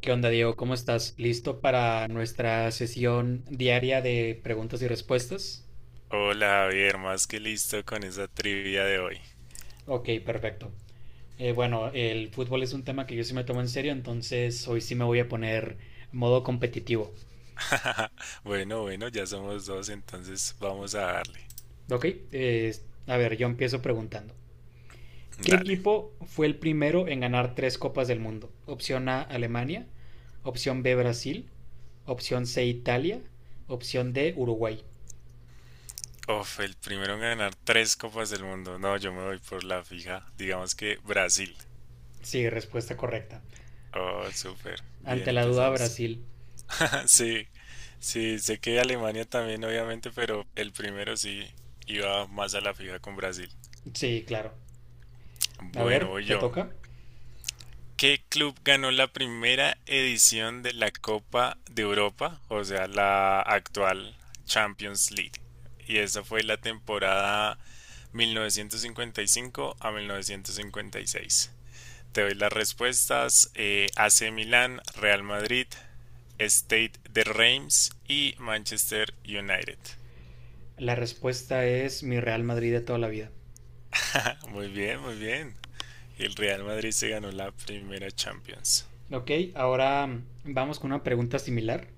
¿Qué onda, Diego? ¿Cómo estás? ¿Listo para nuestra sesión diaria de preguntas y respuestas? Hola Javier, más que listo con esa trivia de hoy. Ok, perfecto. Bueno, el fútbol es un tema que yo sí me tomo en serio, entonces hoy sí me voy a poner modo competitivo. Bueno, ya somos dos, entonces vamos a darle. Ok, eh, a ver, yo empiezo preguntando. ¿Qué Dale. equipo fue el primero en ganar tres copas del mundo? Opción A, Alemania. Opción B, Brasil. Opción C, Italia. Opción D, Uruguay. Uf, el primero en ganar tres copas del mundo. No, yo me voy por la fija. Digamos que Brasil. Sí, respuesta correcta. Oh, súper. Bien, Ante la duda, empezamos. Brasil. Sí, sí, sé que Alemania también, obviamente, pero el primero sí iba más a la fija con Brasil. Sí, claro. A Bueno, ver, voy te yo. toca. ¿Qué club ganó la primera edición de la Copa de Europa, o sea, la actual Champions League? Y esa fue la temporada 1955 a 1956. Te doy las respuestas. AC Milán, Real Madrid, State de Reims y Manchester United. La respuesta es mi Real Madrid de toda la vida. Muy bien. El Real Madrid se ganó la primera Champions. Ok, ahora vamos con una pregunta similar.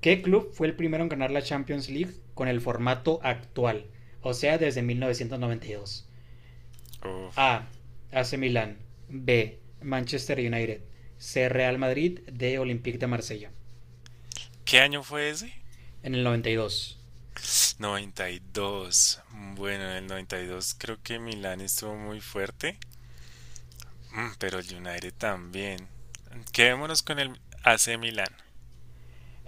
¿Qué club fue el primero en ganar la Champions League con el formato actual? O sea, ¿desde 1992? Uf. A. A. AC Milán. B. Manchester United. C. Real Madrid. D. Olympique de Marsella. ¿Qué año fue ese? En el 92. 92. Bueno, en el 92 creo que Milán estuvo muy fuerte. Mm, pero el United también. Quedémonos con el AC Milán.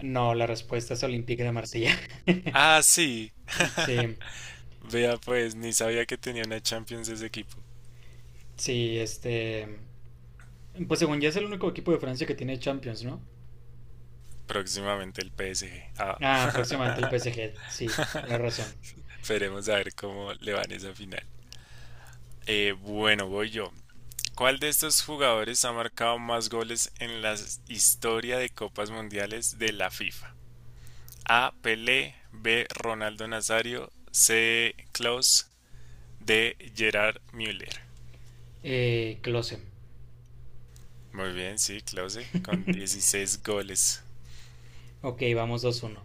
No, la respuesta es Olympique de Marsella. Ah, sí. Sí, Vea pues, ni sabía que tenía una Champions ese equipo. sí, este. Pues según ya es el único equipo de Francia que tiene Champions, ¿no? Próximamente el PSG. Ah, Ah, próximamente el PSG. Sí, tienes razón. esperemos a ver cómo le van esa final. Bueno, voy yo. ¿Cuál de estos jugadores ha marcado más goles en la historia de Copas Mundiales de la FIFA? A. Pelé, B. Ronaldo Nazario, C. Klaus, D. Gerard Müller. Klose. Muy bien, sí, Klose, con 16 goles. Ok, vamos 2-1.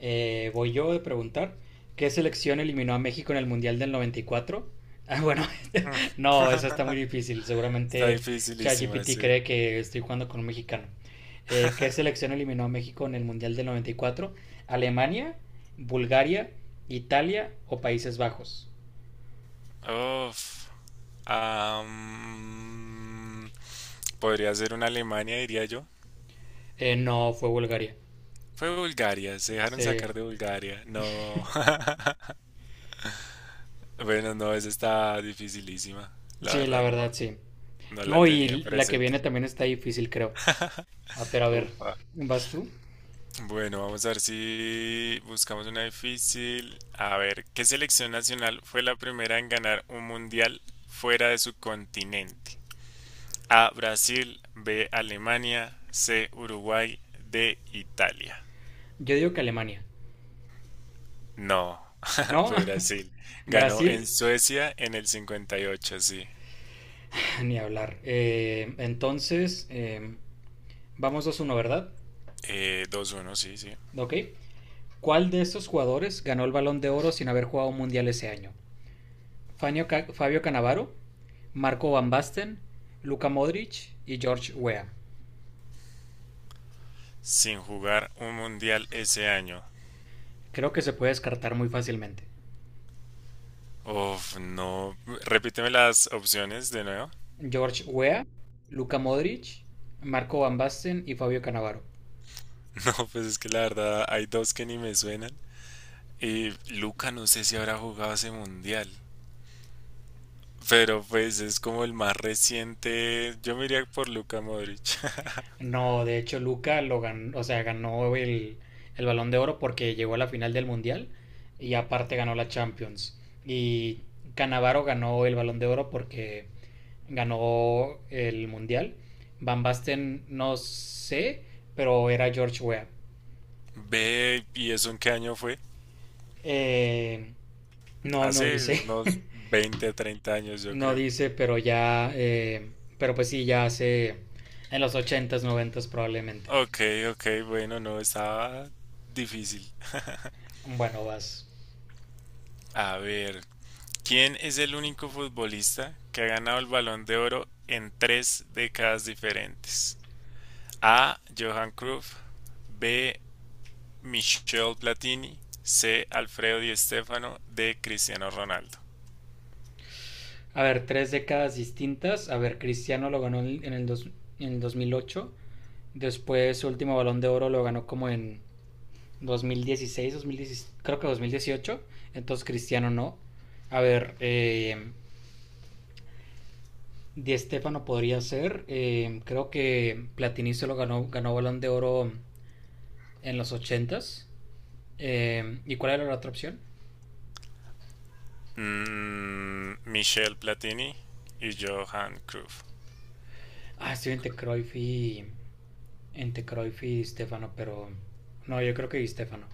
Voy yo a preguntar. ¿Qué selección eliminó a México en el Mundial del 94? Ah, bueno, no, esa está muy Mm. difícil. Está Seguramente dificilísima, ChatGPT sí. cree que estoy jugando con un mexicano. ¿Qué selección eliminó a México en el Mundial del 94? ¿Alemania, Bulgaria, Italia o Países Bajos? Uf. Am, podría ser una Alemania, diría yo. No, fue Bulgaria. Fue Bulgaria, se dejaron Sí, sacar de Bulgaria. No. Bueno, no, esa está dificilísima. La sí, la verdad, no, verdad sí. no la No, y tenía la que presente. viene también está difícil, creo. Ah, pero a ver, Upa. ¿vas tú? Bueno, vamos a ver si buscamos una difícil. A ver, ¿qué selección nacional fue la primera en ganar un mundial fuera de su continente? A, Brasil, B, Alemania, C, Uruguay, D, Italia. Yo digo que Alemania. No, No, fue Brasil. Ganó en Brasil, Suecia en el 58, sí. ni hablar. Entonces, vamos dos uno, ¿verdad? 2-1, sí, sí. Ok. ¿Cuál de estos jugadores ganó el balón de oro sin haber jugado un mundial ese año? Fabio Canavaro, Marco Van Basten, Luka Modric y George Weah. Sin jugar un mundial ese año. Creo que se puede descartar muy fácilmente. Uf, no. Repíteme las opciones de nuevo. George Weah, Luka Modric, Marco Van Basten y Fabio Canavaro. No, pues es que la verdad hay dos que ni me suenan. Y Luca no sé si habrá jugado ese mundial. Pero pues es como el más reciente. Yo me iría por Luca Modric. No, de hecho Luca lo ganó, o sea, ganó el Balón de Oro porque llegó a la final del Mundial y aparte ganó la Champions. Y Canavaro ganó el Balón de Oro porque ganó el Mundial. Van Basten no sé, pero era George Weah. Ve, ¿y eso en qué año fue? Eh, no, no Hace dice. unos 20, treinta años, yo No creo. dice, pero ya... pero pues sí, ya hace en los ochentas noventas probablemente. Ok, ok, bueno, no, estaba difícil. Bueno, vas. A ver, ¿quién es el único futbolista que ha ganado el Balón de Oro en tres décadas diferentes? A. Johan Cruyff. B. Michel Platini, C. Alfredo Di Stéfano, D. Cristiano Ronaldo. A ver, tres décadas distintas. A ver, Cristiano lo ganó en el 2008. Después su último balón de oro lo ganó como en 2016, 2016 creo que 2018. Entonces Cristiano no. A ver, Di Stéfano podría ser. Creo que Platini se lo ganó, ganó balón de oro en los ochentas. ¿Y cuál era la otra opción? Mm, Michel Platini y Johan Cruyff. Ah, estoy entre entre Cruyff y Di Stefano, pero no, yo creo que Di Stéfano.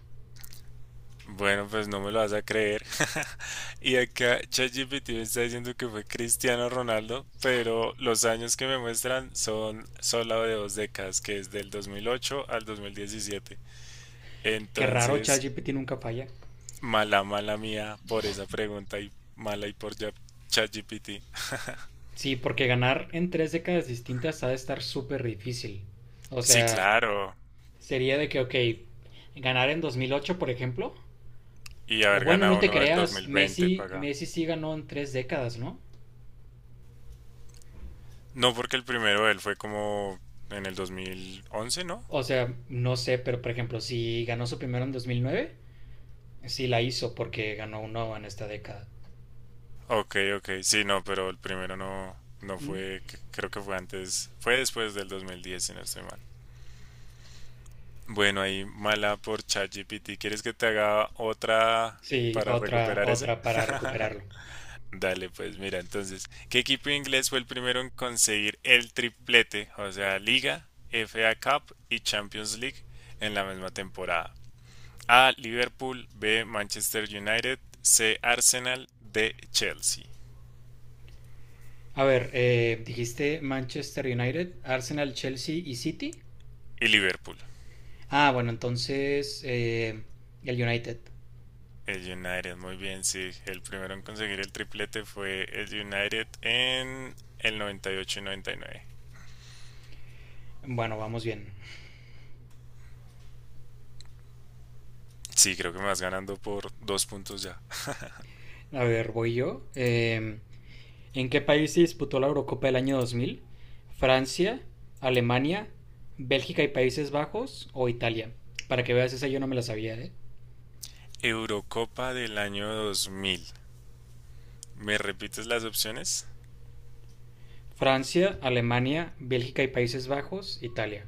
Bueno, pues no me lo vas a creer. Y acá ChatGPT me está diciendo que fue Cristiano Ronaldo, pero los años que me muestran son solo de dos décadas, que es del 2008 al 2017. Qué raro, Entonces, ChatGPT nunca falla. mala mía por esa pregunta y mala y por ya- ChatGPT. Sí, porque ganar en tres décadas distintas ha de estar súper difícil. O Sí, sea, claro. sería de que, ok, ganar en 2008, por ejemplo. Y O haber bueno, no ganado te uno del creas, 2020 para acá. Messi sí ganó en tres décadas, ¿no? No, porque el primero de él fue como en el 2011, ¿no? O sea, no sé, pero por ejemplo, si ganó su primero en 2009. Sí la hizo porque ganó uno en esta década. Ok, ok, sí, no, pero el primero no, no ¿Mm? fue, c- creo que fue antes, fue después del 2010, si no estoy mal. Bueno, ahí mala por ChatGPT. ¿Quieres que te haga otra Sí, para otra, recuperar ese? otra para recuperarlo. Dale, pues mira, entonces, ¿qué equipo inglés fue el primero en conseguir el triplete, o sea, Liga, FA Cup y Champions League en la misma temporada? A. Liverpool. B. Manchester United. C. Arsenal. D. Chelsea. A ver, dijiste Manchester United, Arsenal, Chelsea y City. Y Liverpool. Ah, bueno, entonces el United. El United, muy bien, sí. El primero en conseguir el triplete fue el United en el 98 y 99. Bueno, vamos bien. Sí, creo que me vas ganando por dos puntos ya. A ver, voy yo. ¿En qué país se disputó la Eurocopa del año 2000? ¿Francia, Alemania, Bélgica y Países Bajos o Italia? Para que veas, esa yo no me la sabía, ¿eh? Eurocopa del año 2000. ¿Me repites las opciones? Francia, Alemania, Bélgica y Países Bajos, Italia.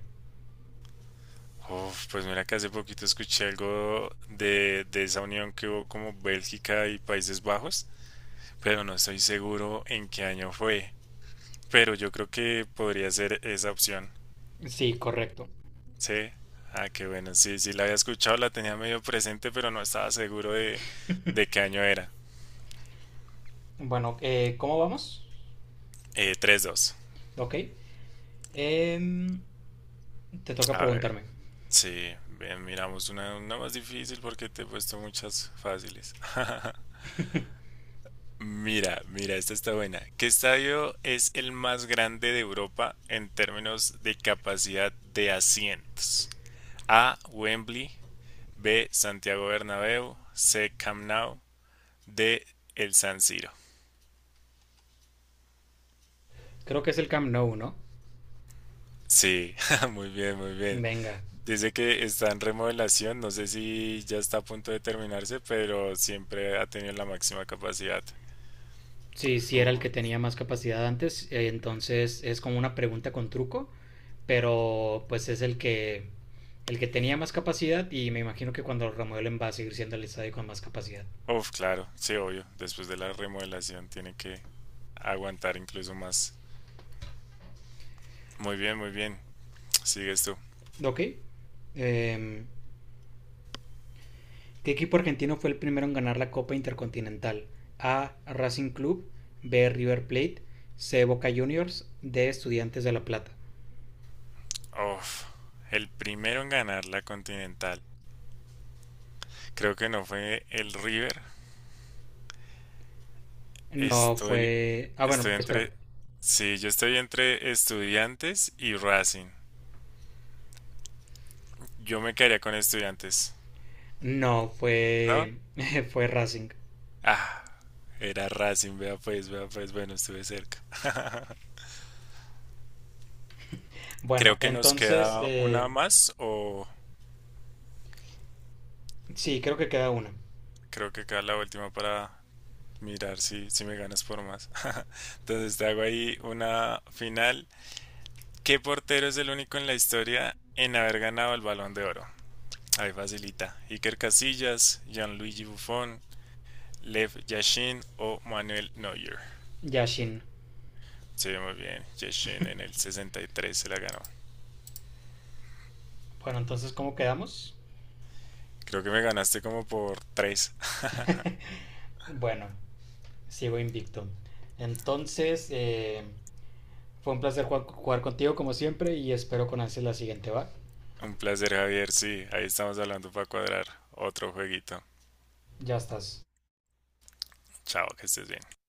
Uf, pues mira que hace poquito escuché algo de esa unión que hubo como Bélgica y Países Bajos, pero no estoy seguro en qué año fue. Pero yo creo que podría ser esa opción. Sí, correcto. Sí. Ah, qué bueno. Sí, sí, la había escuchado, la tenía medio presente, pero no estaba seguro de qué año era. Bueno, ¿cómo vamos? 3-2. Ok. Em, te toca A ver. preguntarme. Sí, bien, miramos una más difícil porque te he puesto muchas fáciles. Mira, esta está buena. ¿Qué estadio es el más grande de Europa en términos de capacidad de asientos? A. Wembley. B. Santiago Bernabéu. C. Camp Nou. De el San Siro. Creo que es el Camp Nou, ¿no? Sí, muy bien. Venga. Dice que está en remodelación, no sé si ya está a punto de terminarse, pero siempre ha tenido la máxima capacidad. Sí, sí era el que Uf, tenía más capacidad antes, entonces es como una pregunta con truco, pero pues es el que tenía más capacidad y me imagino que cuando lo remueven va a seguir siendo el estadio con más capacidad. Uf, claro, sí, obvio. Después de la remodelación tiene que aguantar incluso más. Muy bien. Sigues tú. Ok. Eh, ¿Qué equipo argentino fue el primero en ganar la Copa Intercontinental? A. Racing Club, B. River Plate, C. Boca Juniors, D. Estudiantes de La Plata. Uf, el primero en ganar la Continental. Creo que no fue el River. No Estoy, fue... Ah, bueno, estoy espera. entre, sí, yo estoy entre Estudiantes y Racing. Yo me quedaría con estudiantes, No, ¿no? fue... fue Racing. Ah, era Racing, vea pues, bueno, estuve cerca. Bueno, Creo que nos queda una más o sí, creo que queda una. creo que queda la última para mirar si, si me ganas por más. Entonces te hago ahí una final. ¿Qué portero es el único en la historia en haber ganado el Balón de Oro? Ahí facilita. Iker Casillas, Gianluigi Buffon, Lev Yashin o Manuel Neuer. Yashin. Sí, muy bien. Yashin en el 63 se la ganó. Bueno, entonces, ¿cómo quedamos? Creo que me ganaste como por tres. Bueno, sigo invicto. Entonces, eh, fue un placer jugar contigo como siempre y espero con ansias la siguiente, ¿va? Un placer, Javier. Sí, ahí estamos hablando para cuadrar otro jueguito. Ya estás. Chao, que estés bien.